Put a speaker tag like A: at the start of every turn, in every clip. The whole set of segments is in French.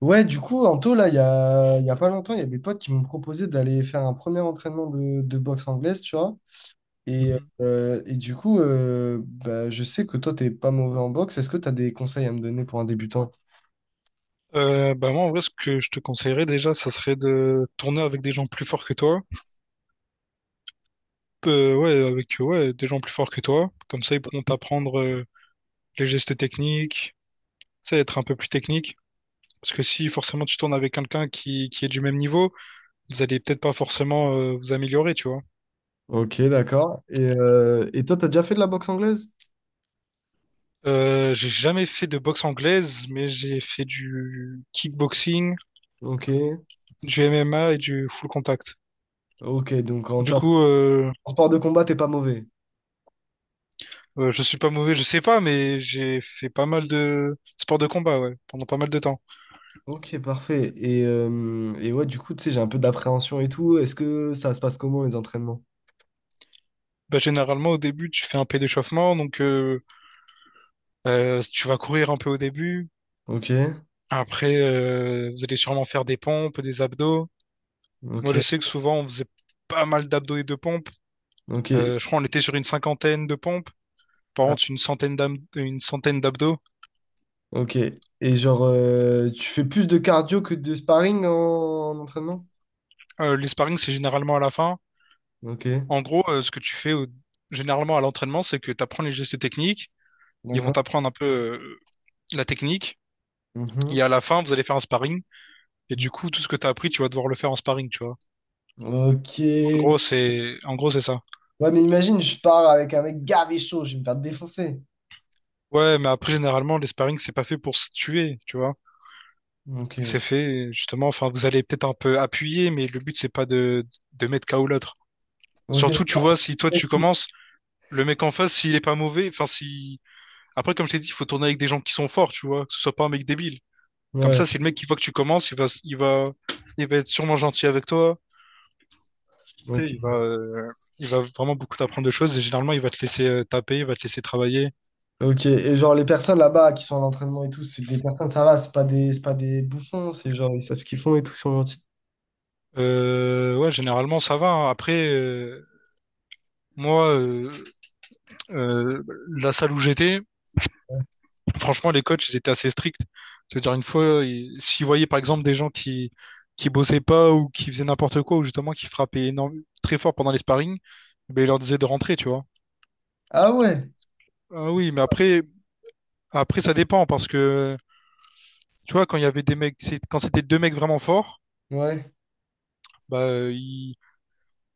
A: Ouais, du coup, Anto, là, il y a pas longtemps, il y a des potes qui m'ont proposé d'aller faire un premier entraînement de boxe anglaise, tu vois. Et,
B: Mhm.
A: et du coup, bah, je sais que toi, t'es pas mauvais en boxe. Est-ce que tu as des conseils à me donner pour un débutant?
B: Bah moi en vrai ce que je te conseillerais déjà ça serait de tourner avec des gens plus forts que toi. Ouais avec ouais des gens plus forts que toi comme ça ils pourront t'apprendre les gestes techniques. Tu sais être un peu plus technique parce que si forcément tu tournes avec quelqu'un qui est du même niveau, vous allez peut-être pas forcément vous améliorer, tu vois.
A: Ok, d'accord. Et toi, t'as déjà fait de la boxe anglaise?
B: J'ai jamais fait de boxe anglaise, mais j'ai fait du kickboxing,
A: Ok,
B: du MMA et du full contact.
A: ok. Donc, en
B: Du
A: termes
B: coup,
A: de sport de combat, t'es pas mauvais.
B: je suis pas mauvais, je sais pas, mais j'ai fait pas mal de sports de combat, ouais, pendant pas mal de temps.
A: Ok, parfait. Et ouais, du coup, tu sais, j'ai un peu d'appréhension et tout. Est-ce que ça se passe comment, les entraînements?
B: Bah, généralement, au début, tu fais un peu d'échauffement, donc tu vas courir un peu au début.
A: Ok,
B: Après, vous allez sûrement faire des pompes, des abdos. Moi,
A: ok,
B: je sais que souvent, on faisait pas mal d'abdos et de pompes.
A: ok.
B: Je crois qu'on était sur une cinquantaine de pompes. Par contre, une centaine d'abdos.
A: Ok. Et genre, tu fais plus de cardio que de sparring en entraînement?
B: Les sparring, c'est généralement à la fin.
A: Ok.
B: En gros, ce que tu fais généralement à l'entraînement, c'est que tu apprends les gestes techniques. Ils vont
A: D'accord.
B: t'apprendre un peu la technique.
A: Mhm.
B: Et à la fin, vous allez faire un sparring. Et
A: Mhm.
B: du coup, tout ce que tu as appris, tu vas devoir le faire en sparring, tu vois.
A: Ok.
B: En gros, c'est ça.
A: Ouais, mais imagine, je pars avec un mec gavé chaud, je vais me faire défoncer.
B: Ouais, mais après, généralement, les sparring, c'est pas fait pour se tuer, tu vois.
A: Ok.
B: C'est fait, justement, enfin, vous allez peut-être un peu appuyer, mais le but, c'est pas de mettre KO l'autre.
A: Ok.
B: Surtout, tu vois, si toi, tu commences, le mec en face, s'il est pas mauvais, enfin, si. Après, comme je t'ai dit, il faut tourner avec des gens qui sont forts, tu vois, que ce soit pas un mec débile. Comme
A: Ouais.
B: ça, si le mec qui voit que tu commences, il va être sûrement gentil avec toi. Tu sais,
A: Ok.
B: il va vraiment beaucoup t'apprendre de choses et généralement, il va te laisser taper, il va te laisser travailler.
A: Ok. Et genre, les personnes là-bas qui sont à l'entraînement et tout, c'est des personnes, ça va, c'est pas des bouffons, c'est genre, ils savent ce qu'ils font et tout, ils sont gentils.
B: Ouais, Généralement, ça va, hein. Après, moi, euh, euh, la salle où j'étais, franchement, les coachs, ils étaient assez stricts. C'est-à-dire, une fois, s'ils voyaient par exemple des gens qui bossaient pas ou qui faisaient n'importe quoi ou justement qui frappaient énorme, très fort pendant les sparring, ben, ils leur disaient de rentrer, tu vois.
A: Ah ouais.
B: Ah oui, mais après, après, ça dépend parce que tu vois, quand il y avait des mecs, quand c'était deux mecs vraiment forts,
A: Ah ouais.
B: bah,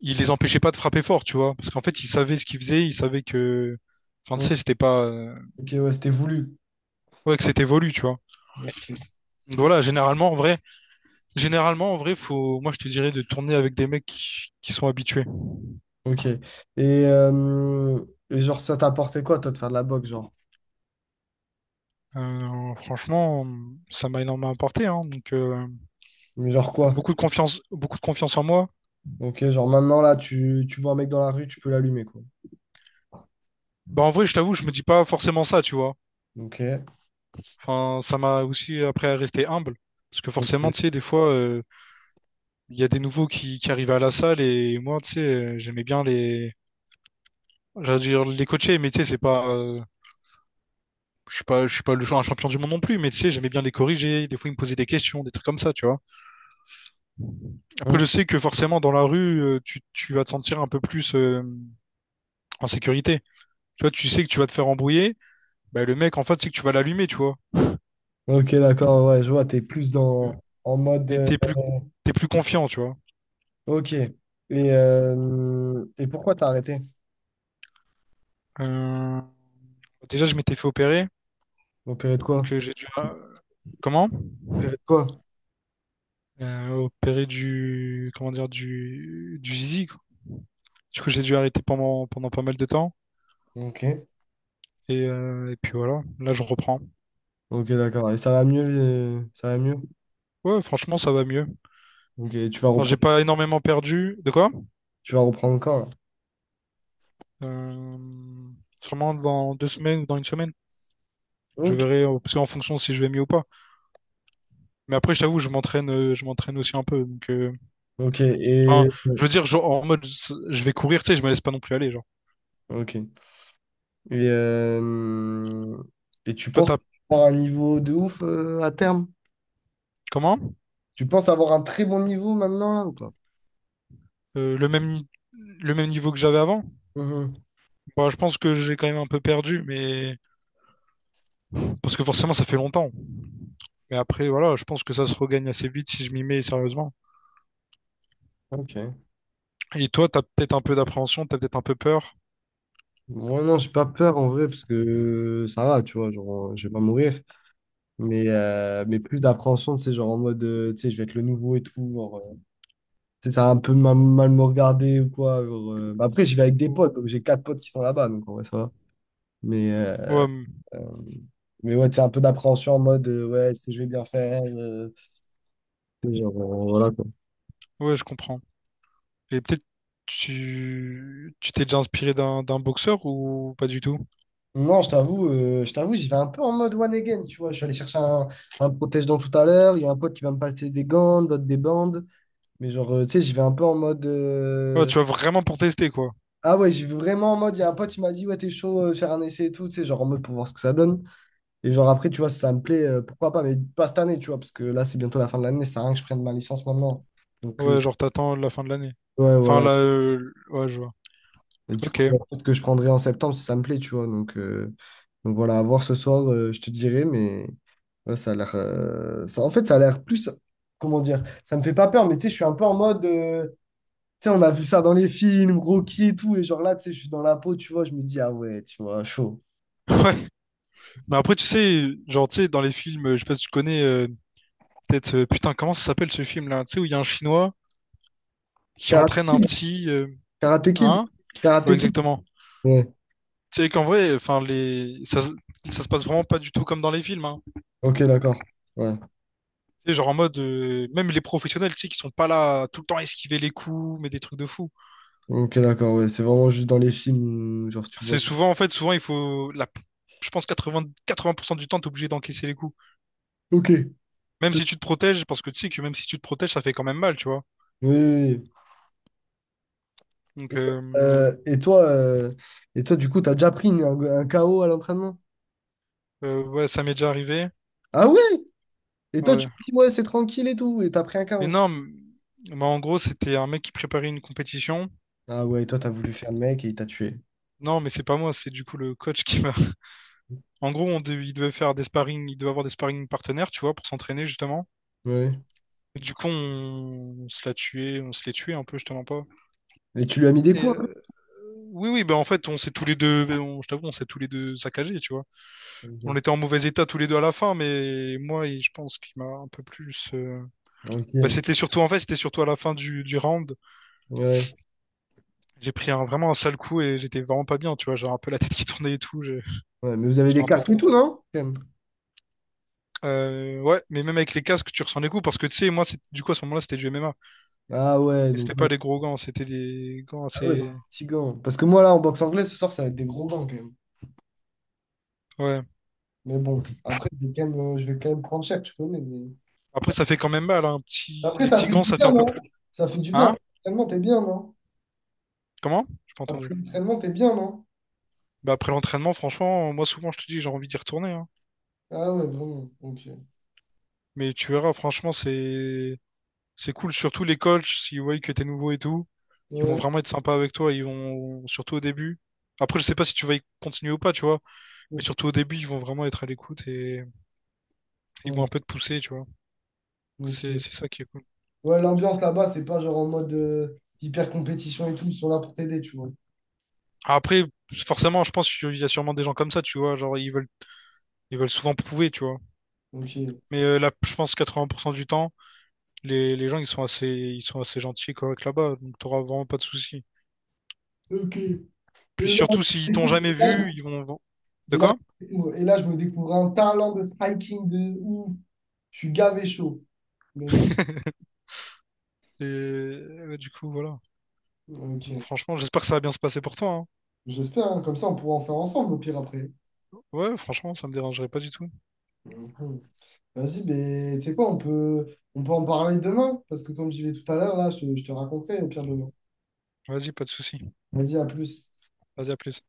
B: ils les empêchaient pas de frapper fort, tu vois, parce qu'en fait, ils savaient ce qu'ils faisaient, ils savaient que, enfin, tu
A: Ouais.
B: sais, c'était pas,
A: Ok, ouais, c'était voulu.
B: ouais, que c'était voulu, tu vois.
A: Ok.
B: Donc voilà, généralement, en vrai, faut, moi, je te dirais de tourner avec des mecs qui sont habitués.
A: Ok. Euh, et genre, ça t'a apporté quoi, toi, de faire de la boxe, genre?
B: Franchement, ça m'a énormément apporté, hein, donc
A: Mais genre quoi?
B: beaucoup de confiance en moi.
A: Ok, genre maintenant, là, tu vois un mec dans la rue, tu peux l'allumer, quoi.
B: Bah, en vrai, je t'avoue, je me dis pas forcément ça, tu vois.
A: Ok.
B: Enfin, ça m'a aussi appris à rester humble. Parce que
A: Ok,
B: forcément, tu sais, des fois, il y a des nouveaux qui arrivent à la salle et moi, tu sais, j'aimais bien les, j'allais dire les coacher, mais tu sais, c'est pas, je suis pas, je suis pas le genre un champion du monde non plus, mais tu sais, j'aimais bien les corriger. Des fois, ils me posaient des questions, des trucs comme ça, tu vois. Après, je sais que forcément, dans la rue, tu vas te sentir un peu plus en sécurité. Tu vois, tu sais que tu vas te faire embrouiller. Bah, le mec, en fait, c'est que tu vas l'allumer, tu vois.
A: Ok, d'accord, ouais, je vois, t'es plus dans, en mode...
B: T'es t'es plus, T'es plus confiant, tu vois.
A: ok. Et pourquoi t'as arrêté?
B: Euh, Déjà, je m'étais fait opérer,
A: Opéré de quoi?
B: donc Comment?
A: Opéré de quoi?
B: Opéré du, comment dire, du zizi, quoi. Du coup, j'ai dû arrêter pendant, pendant pas mal de temps.
A: Ok.
B: Et puis voilà, là, je reprends.
A: Ok, d'accord. Et ça va mieux, ça va mieux?
B: Ouais, franchement, ça va mieux.
A: Ok,
B: Enfin, j'ai pas énormément perdu. De quoi?
A: tu vas reprendre quand, là?
B: Euh, Sûrement dans 2 semaines ou dans 1 semaine. Je
A: Ok.
B: verrai, parce qu'en fonction si je vais mieux ou pas. Mais après, je t'avoue, je m'entraîne aussi un peu. Donc,
A: Ok,
B: enfin,
A: et...
B: je veux dire, genre, en mode, je vais courir, tu sais, je me laisse pas non plus aller, genre.
A: Ok. Et, euh, et tu
B: Toi,
A: penses
B: t'as,
A: avoir un niveau de ouf à terme?
B: comment?
A: Tu penses avoir un très bon niveau maintenant là ou pas?
B: Le même, ni- Le même niveau que j'avais avant?
A: Mhm.
B: Bon, je pense que j'ai quand même un peu perdu, mais parce que forcément ça fait longtemps. Mais après, voilà, je pense que ça se regagne assez vite si je m'y mets sérieusement.
A: Ok.
B: Et toi, t'as peut-être un peu d'appréhension, t'as peut-être un peu peur.
A: Moi non, j'ai pas peur en vrai parce que ça va, tu vois, genre je vais pas mourir. Mais plus d'appréhension, tu sais, genre en mode, tu sais, je vais être le nouveau et tout, genre, tu sais, ça va un peu mal me regarder ou quoi, genre, bah après, j'y vais avec des
B: Ou-
A: potes, donc j'ai quatre potes qui sont là-bas, donc en vrai, ça va. Mais, euh,
B: Ouais,
A: euh, mais ouais, tu sais, un peu d'appréhension en mode, ouais, est-ce que je vais bien faire? Tu sais, genre, voilà.
B: ouais, je comprends. Et peut-être tu t'es déjà inspiré d'un boxeur ou pas du tout?
A: Non, je t'avoue, j'y vais un peu en mode one again, tu vois. Je suis allé chercher un protège-dents tout à l'heure. Il y a un pote qui va me passer des gants, d'autres des bandes. Mais genre, tu sais, j'y vais un peu en mode.
B: Ouais, tu vas vraiment pour tester, quoi.
A: Ah ouais, j'y vais vraiment en mode. Il y a un pote qui m'a dit, ouais, t'es chaud, faire un essai et tout, tu sais, genre en mode pour voir ce que ça donne. Et genre, après, tu vois, si ça me plaît, pourquoi pas, mais pas cette année, tu vois, parce que là, c'est bientôt la fin de l'année, ça sert à rien que je prenne ma licence maintenant. Donc,
B: Ouais, genre, t'attends la fin de l'année.
A: ouais,
B: Enfin,
A: voilà.
B: là, ouais, je vois.
A: Et du coup,
B: Ok.
A: la route que je prendrai en septembre si ça me plaît, tu vois. Donc voilà, à voir ce soir, je te dirai, mais ouais, ça a l'air. Ça, en fait, ça a l'air plus. Comment dire? Ça me fait pas peur, mais tu sais, je suis un peu en mode. Tu sais, on a vu ça dans les films, Rocky et tout, et genre là, tu sais, je suis dans la peau, tu vois, je me dis, ah ouais, tu vois, chaud.
B: Ouais. Mais après, tu sais, genre, tu sais, dans les films, je sais pas si tu connais, putain, comment ça s'appelle ce film-là? Tu sais, où il y a un Chinois qui
A: Karate
B: entraîne un
A: Kid,
B: petit,
A: Karate Kid,
B: hein? Ouais,
A: Karate Kid.
B: exactement.
A: Ouais,
B: Tu sais qu'en vrai, enfin, ça se passe vraiment pas du tout comme dans les films, hein.
A: ok, d'accord. Ouais,
B: Tu sais, genre en mode, même les professionnels, tu sais, qui sont pas là à tout le temps esquiver les coups, mais des trucs de fou.
A: ok, d'accord, ouais, c'est vraiment juste dans les films, genre, tu vois.
B: C'est souvent, en fait, souvent, il faut, la, je pense, 4% du temps, t'es obligé d'encaisser les coups.
A: Ok. Oui,
B: Même si tu te protèges, parce que tu sais que même si tu te protèges, ça fait quand même mal, tu vois.
A: oui.
B: Donc,
A: Euh, et toi, euh, et toi, du coup, t'as déjà pris un KO à l'entraînement?
B: ouais, ça m'est déjà arrivé.
A: Ah ouais. Et toi, tu
B: Ouais.
A: me dis, ouais, c'est tranquille et tout, et t'as pris un
B: Mais
A: KO.
B: non, m- Bah, en gros, c'était un mec qui préparait une compétition.
A: Ah ouais, et toi, t'as voulu faire le mec et il t'a tué.
B: Non, mais c'est pas moi, c'est du coup le coach qui m'a. En gros, il devait faire des sparring, il devait avoir des sparring partenaires, tu vois, pour s'entraîner justement.
A: Ouais.
B: Et du coup, on se l'a tué, on se l'est tué un peu, je te mens pas.
A: Et tu lui as mis des
B: Et
A: coups un
B: oui, oui, bah en fait, on s'est tous les deux, bah, on- je t'avoue, on s'est tous les deux saccagés, tu vois. On
A: peu?
B: était en mauvais état tous les deux à la fin, mais je pense qu'il m'a un peu plus.
A: Ok.
B: Bah,
A: Ok.
B: c'était surtout en fait, c'était surtout à la fin du round.
A: Ouais.
B: Vraiment un sale coup et j'étais vraiment pas bien, tu vois. J'avais un peu la tête qui tournait et tout.
A: Ouais, mais vous avez
B: J'étais
A: des
B: un peu
A: casques et
B: tombé.
A: tout, non? Quand même.
B: Ouais, mais même avec les casques, tu ressens les coups parce que tu sais, du coup, à ce moment-là, c'était du M MMA.
A: Ah ouais,
B: Et c'était
A: donc ouais.
B: pas des gros gants, c'était des gants
A: Ah ouais, c'est
B: assez.
A: fatigant. Parce que moi, là, en boxe anglaise, ce soir, ça va être des gros gants, quand même.
B: Ouais.
A: Mais bon, après, je vais quand même, je vais quand même prendre cher, tu connais. Mais-
B: Après, ça fait quand même mal, hein,
A: Après,
B: les
A: ça
B: petits
A: fait
B: gants,
A: du
B: ça fait
A: bien,
B: un peu
A: non?
B: plus.
A: Ça fait du bien. Après,
B: Hein?
A: l'entraînement, t'es bien, non?
B: Comment? J'ai pas entendu.
A: Après l'entraînement, t'es bien, non?
B: Bah, après l'entraînement, franchement, moi, souvent, je te dis, j'ai envie d'y retourner, hein.
A: Ah ouais, vraiment. Ok.
B: Mais tu verras, franchement, c'est. C'est cool, surtout les coachs, s'ils voient que t'es nouveau et tout, ils vont
A: Ouais.
B: vraiment être sympas avec toi, ils vont, surtout au début. Après, je sais pas si tu vas y continuer ou pas, tu vois,
A: Ouais,
B: mais surtout au début, ils vont vraiment être à l'écoute et ils vont
A: ouais,
B: un peu te pousser, tu vois. C'est
A: ok.
B: c'est ça qui est cool.
A: Ouais, l'ambiance là-bas, c'est pas genre en mode hyper compétition et tout, ils sont là pour t'aider, tu vois.
B: Après, forcément, je pense qu'il y a sûrement des gens comme ça, tu vois, genre ils veulent souvent prouver, tu vois.
A: Ok.
B: Là, je pense 80% du temps, les gens ils sont assez gentils et corrects là-bas, donc t'auras vraiment pas de soucis.
A: Ok.
B: Puis
A: Et
B: surtout s'ils t'ont jamais
A: là,
B: vu, ils vont. De
A: et là,
B: quoi?
A: je découvre- et là, je me découvre un talent de striking de ouf. Je suis gavé chaud. Mais j'ai-
B: Et du coup, voilà. Donc
A: Ok.
B: franchement, j'espère que ça va bien se passer pour toi, hein.
A: J'espère, hein. Comme ça, on pourra en faire ensemble au pire après.
B: Ouais, franchement, ça me dérangerait pas du tout.
A: Mhm. Vas-y, mais tu sais quoi, on peut en parler demain, parce que comme j'y vais tout à l'heure, là, je te raconterai au pire demain.
B: Vas-y, pas de souci.
A: Vas-y, à plus.
B: Vas-y, à plus.